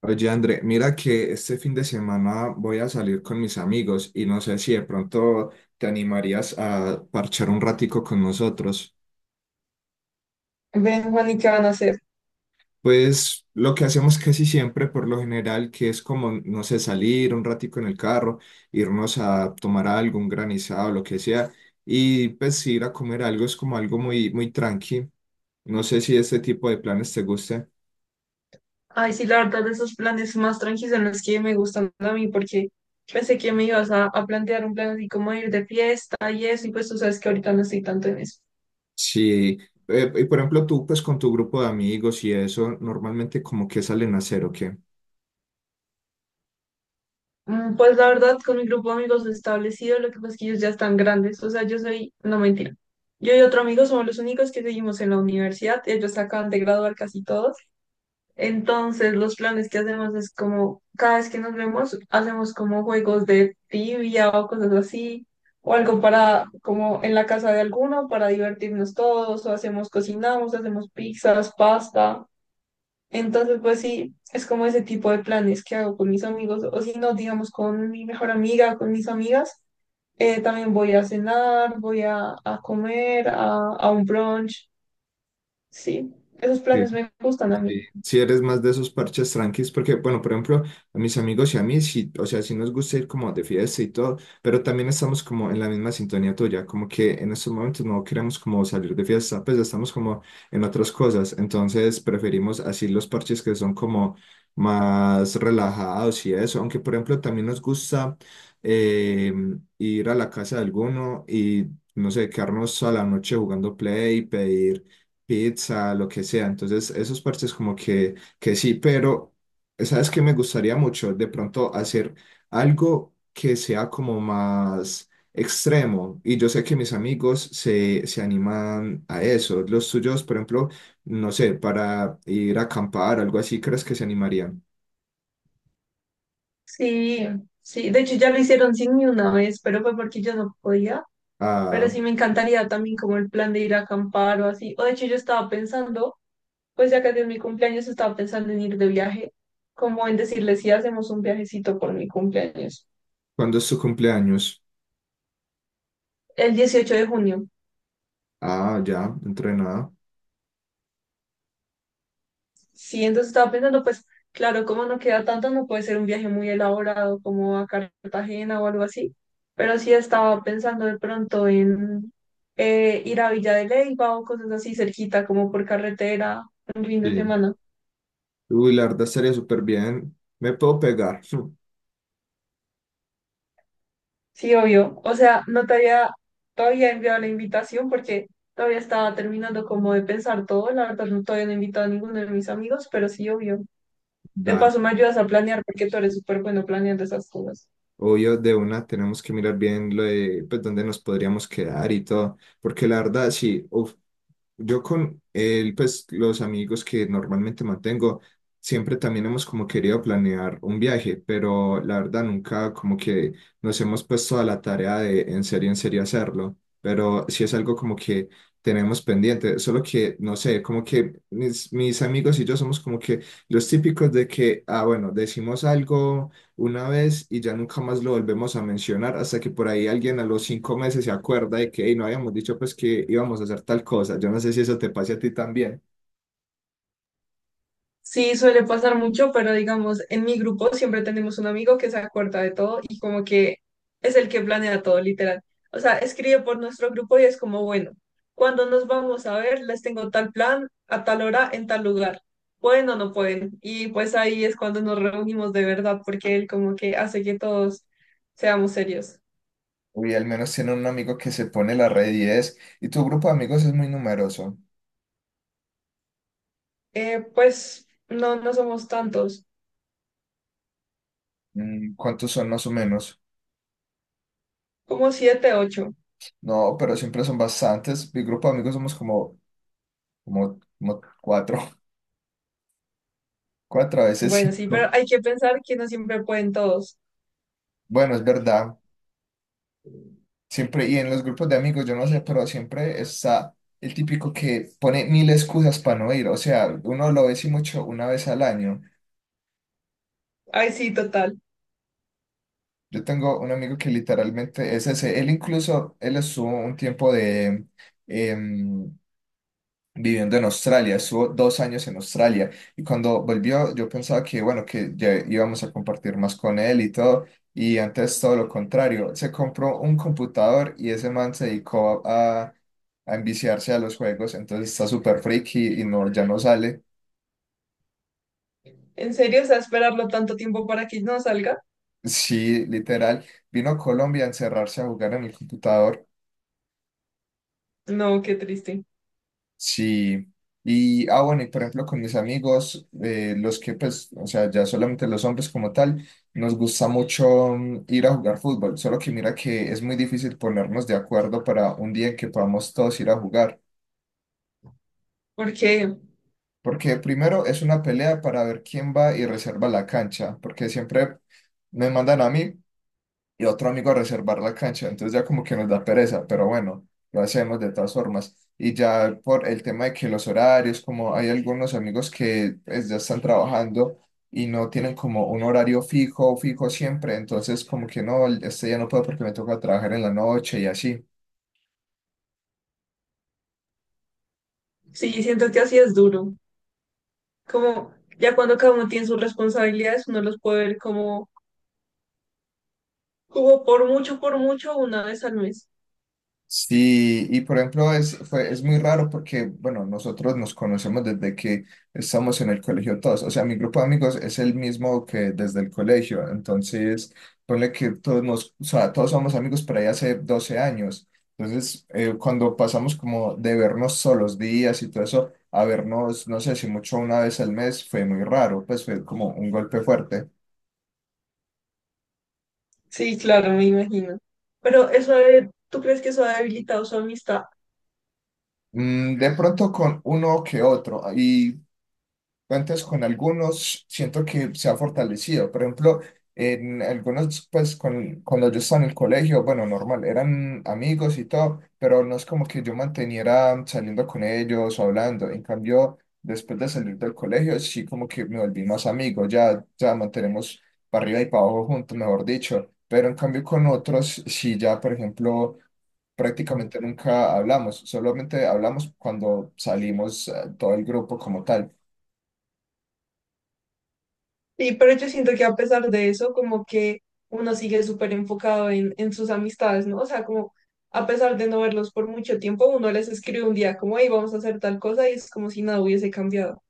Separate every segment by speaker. Speaker 1: Oye, André, mira que este fin de semana voy a salir con mis amigos y no sé si de pronto te animarías a parchar un ratico con nosotros.
Speaker 2: Ven, Juan, ¿y qué van a hacer?
Speaker 1: Pues lo que hacemos casi siempre, por lo general, que es como, no sé, salir un ratico en el carro, irnos a tomar algo, un granizado, lo que sea, y pues ir a comer algo es como algo muy, muy tranqui. No sé si este tipo de planes te guste.
Speaker 2: Ay, sí, la verdad, de esos planes más tranquilos son los que me gustan a mí, porque pensé que me ibas a plantear un plan así como ir de fiesta y eso, y pues tú sabes que ahorita no estoy tanto en eso.
Speaker 1: Sí. Y por ejemplo, tú pues con tu grupo de amigos y eso, normalmente como que salen a hacer o qué.
Speaker 2: Pues la verdad, con mi grupo de amigos establecido, lo que pasa es que ellos ya están grandes, o sea, yo soy, no mentira. Yo y otro amigo somos los únicos que seguimos en la universidad, ellos se acaban de graduar casi todos. Entonces, los planes que hacemos es como, cada vez que nos vemos, hacemos como juegos de tibia o cosas así, o algo para, como en la casa de alguno, para divertirnos todos, o hacemos, cocinamos, hacemos pizzas, pasta. Entonces, pues sí, es como ese tipo de planes que hago con mis amigos, o si no, digamos, con mi mejor amiga, con mis amigas, también voy a cenar, voy a comer, a un brunch, sí, esos
Speaker 1: Sí,
Speaker 2: planes me gustan a mí.
Speaker 1: sí. Si eres más de esos parches tranquis, porque, bueno, por ejemplo, a mis amigos y a mí, sí, o sea, sí nos gusta ir como de fiesta y todo, pero también estamos como en la misma sintonía tuya, como que en estos momentos no queremos como salir de fiesta, pues ya estamos como en otras cosas, entonces preferimos así los parches que son como más relajados y eso, aunque, por ejemplo, también nos gusta eh, ir a la casa de alguno y, no sé, quedarnos a la noche jugando play, pedir pizza, lo que sea. Entonces, esos parches como que sí, pero ¿sabes qué me gustaría mucho? De pronto hacer algo que sea como más extremo. Y yo sé que mis amigos se animan a eso. Los tuyos, por ejemplo, no sé, para ir a acampar, algo así, ¿crees que se animarían?
Speaker 2: Sí, sí, de hecho ya lo hicieron sin mí una vez, pero fue porque yo no podía. Pero
Speaker 1: Ah,
Speaker 2: sí me encantaría también como el plan de ir a acampar o así. O de hecho yo estaba pensando, pues ya que es mi cumpleaños, estaba pensando en ir de viaje, como en decirle si hacemos un viajecito por mi cumpleaños,
Speaker 1: ¿cuándo es su cumpleaños?
Speaker 2: el 18 de junio.
Speaker 1: Ah, ya, entrenada.
Speaker 2: Sí, entonces estaba pensando, pues claro, como no queda tanto, no puede ser un viaje muy elaborado como a Cartagena o algo así, pero sí estaba pensando de pronto en ir a Villa de Leyva o cosas así cerquita, como por carretera, un fin de
Speaker 1: Sí.
Speaker 2: semana.
Speaker 1: Uy, la verdad estaría súper bien. Me puedo pegar.
Speaker 2: Sí, obvio. O sea, no te había todavía enviado la invitación porque todavía estaba terminando como de pensar todo. La verdad, no, todavía no he invitado a ninguno de mis amigos, pero sí, obvio. De
Speaker 1: Dale.
Speaker 2: paso, me ayudas a planear porque tú eres súper bueno planeando esas cosas.
Speaker 1: Obvio, de una tenemos que mirar bien lo de, pues, dónde nos podríamos quedar y todo, porque la verdad, sí, uf, yo con él, pues los amigos que normalmente mantengo, siempre también hemos como querido planear un viaje, pero la verdad nunca como que nos hemos puesto a la tarea de en serio hacerlo, pero sí es algo como que tenemos pendiente, solo que, no sé, como que mis amigos y yo somos como que los típicos de que, ah, bueno, decimos algo una vez y ya nunca más lo volvemos a mencionar hasta que por ahí alguien a los 5 meses se acuerda de que "Ey, no habíamos dicho pues que íbamos a hacer tal cosa. Yo no sé si eso te pase a ti también.
Speaker 2: Sí, suele pasar mucho, pero digamos, en mi grupo siempre tenemos un amigo que se acuerda de todo y como que es el que planea todo, literal. O sea, escribe por nuestro grupo y es como, bueno, cuando nos vamos a ver, les tengo tal plan a tal hora en tal lugar. ¿Pueden o no pueden? Y pues ahí es cuando nos reunimos de verdad, porque él como que hace que todos seamos serios.
Speaker 1: Uy, al menos tiene un amigo que se pone la red 10 y tu grupo de amigos es muy numeroso.
Speaker 2: Pues no, no somos tantos,
Speaker 1: ¿Cuántos son más o menos?
Speaker 2: como siete, ocho.
Speaker 1: No, pero siempre son bastantes. Mi grupo de amigos somos como cuatro, cuatro a veces
Speaker 2: Bueno, sí, pero
Speaker 1: cinco.
Speaker 2: hay que pensar que no siempre pueden todos.
Speaker 1: Bueno, es verdad. Siempre, y en los grupos de amigos, yo no sé, pero siempre está el típico que pone mil excusas para no ir. O sea, uno lo ve sí mucho una vez al año.
Speaker 2: Ay, sí, total.
Speaker 1: Yo tengo un amigo que literalmente es ese. Él incluso, él estuvo un tiempo de, em, viviendo en Australia, estuvo 2 años en Australia y cuando volvió yo pensaba que bueno, que ya íbamos a compartir más con él y todo y antes todo lo contrario, se compró un computador y ese man se dedicó a enviciarse a los juegos, entonces está súper friki y no, ya no sale.
Speaker 2: ¿En serio? O sea, esperarlo tanto tiempo para que no salga.
Speaker 1: Sí, literal, vino a Colombia a encerrarse a jugar en el computador.
Speaker 2: No, qué triste.
Speaker 1: Sí, y ah bueno, y por ejemplo con mis amigos, los que pues, o sea, ya solamente los hombres como tal, nos gusta mucho ir a jugar fútbol, solo que mira que es muy difícil ponernos de acuerdo para un día en que podamos todos ir a jugar,
Speaker 2: Porque
Speaker 1: porque primero es una pelea para ver quién va y reserva la cancha, porque siempre me mandan a mí y otro amigo a reservar la cancha, entonces ya como que nos da pereza, pero bueno, lo hacemos de todas formas. Y ya por el tema de que los horarios, como hay algunos amigos que pues, ya están trabajando y no tienen como un horario fijo, fijo siempre, entonces como que no, este ya no puedo porque me toca trabajar en la noche y así.
Speaker 2: sí, siento que así es duro. Como ya cuando cada uno tiene sus responsabilidades, uno los puede ver como, como por mucho, una vez al mes.
Speaker 1: Sí, y por ejemplo es muy raro porque, bueno, nosotros nos conocemos desde que estamos en el colegio todos, o sea, mi grupo de amigos es el mismo que desde el colegio, entonces ponle que todos nos, o sea, todos somos amigos por ahí hace 12 años, entonces cuando pasamos como de vernos todos los días y todo eso a vernos, no sé si mucho una vez al mes, fue muy raro, pues fue como un golpe fuerte.
Speaker 2: Sí, claro, me imagino. Pero ¿tú crees que eso ha debilitado su amistad?
Speaker 1: De pronto con uno que otro. Y antes con algunos siento que se ha fortalecido. Por ejemplo, en algunos, pues con, cuando yo estaba en el colegio, bueno, normal, eran amigos y todo, pero no es como que yo manteniera saliendo con ellos o hablando. En cambio, después de salir del colegio, sí como que me volví más amigo, ya, ya mantenemos para arriba y para abajo juntos, mejor dicho. Pero en cambio con otros, sí ya, por ejemplo... Prácticamente nunca hablamos, solamente hablamos cuando salimos todo el grupo como tal.
Speaker 2: Y pero yo siento que a pesar de eso, como que uno sigue súper enfocado en sus amistades, ¿no? O sea, como a pesar de no verlos por mucho tiempo, uno les escribe un día como, hey, vamos a hacer tal cosa y es como si nada hubiese cambiado.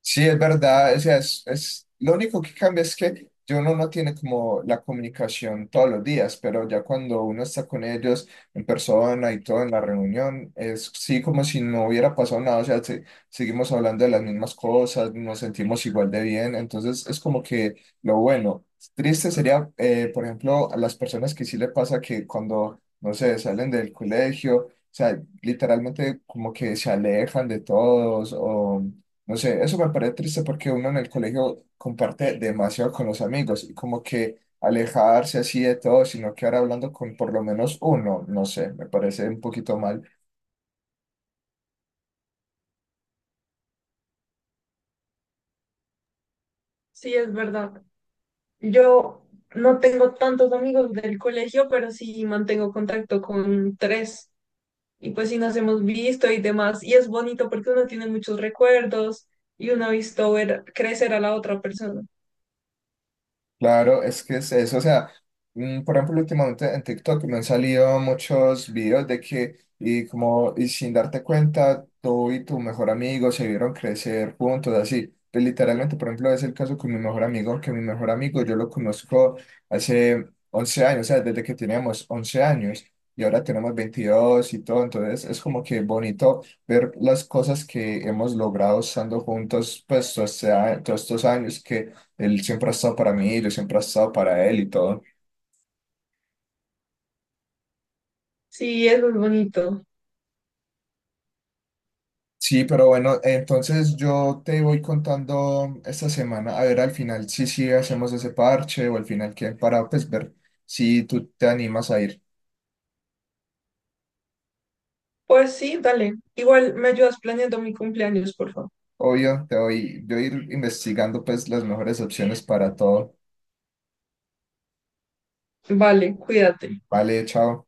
Speaker 1: Sí, es verdad, o sea, es lo único que cambia es que yo uno no tiene como la comunicación todos los días, pero ya cuando uno está con ellos en persona y todo en la reunión, es sí como si no hubiera pasado nada, o sea, seguimos hablando de las mismas cosas, nos sentimos igual de bien, entonces es como que lo bueno. Triste sería, por ejemplo, a las personas que sí le pasa que cuando, no sé, salen del colegio, o sea, literalmente como que se alejan de todos o... No sé, eso me parece triste porque uno en el colegio comparte demasiado con los amigos y como que alejarse así de todo, sino que ahora hablando con por lo menos uno, no sé, me parece un poquito mal.
Speaker 2: Sí, es verdad. Yo no tengo tantos amigos del colegio, pero sí mantengo contacto con tres. Y pues sí nos hemos visto y demás. Y es bonito porque uno tiene muchos recuerdos y uno ha visto ver crecer a la otra persona.
Speaker 1: Claro, es que es eso, o sea, por ejemplo, últimamente en TikTok me han salido muchos videos de que, y como, y sin darte cuenta, tú y tu mejor amigo se vieron crecer juntos, así. Pues, literalmente, por ejemplo, es el caso con mi mejor amigo, que mi mejor amigo yo lo conozco hace 11 años, o sea, desde que teníamos 11 años y ahora tenemos 22 y todo, entonces es como que bonito ver las cosas que hemos logrado estando juntos, pues, o sea, todos estos años que él siempre ha estado para mí, yo siempre he estado para él y todo.
Speaker 2: Sí, eso es bonito.
Speaker 1: Sí, pero bueno, entonces yo te voy contando esta semana, a ver al final si sí hacemos ese parche o al final qué, para pues ver si tú te animas a ir.
Speaker 2: Pues sí, dale. Igual me ayudas planeando mi cumpleaños, por favor.
Speaker 1: Obvio, te voy, yo voy a ir investigando pues las mejores opciones para todo.
Speaker 2: Vale, cuídate.
Speaker 1: Vale, chao.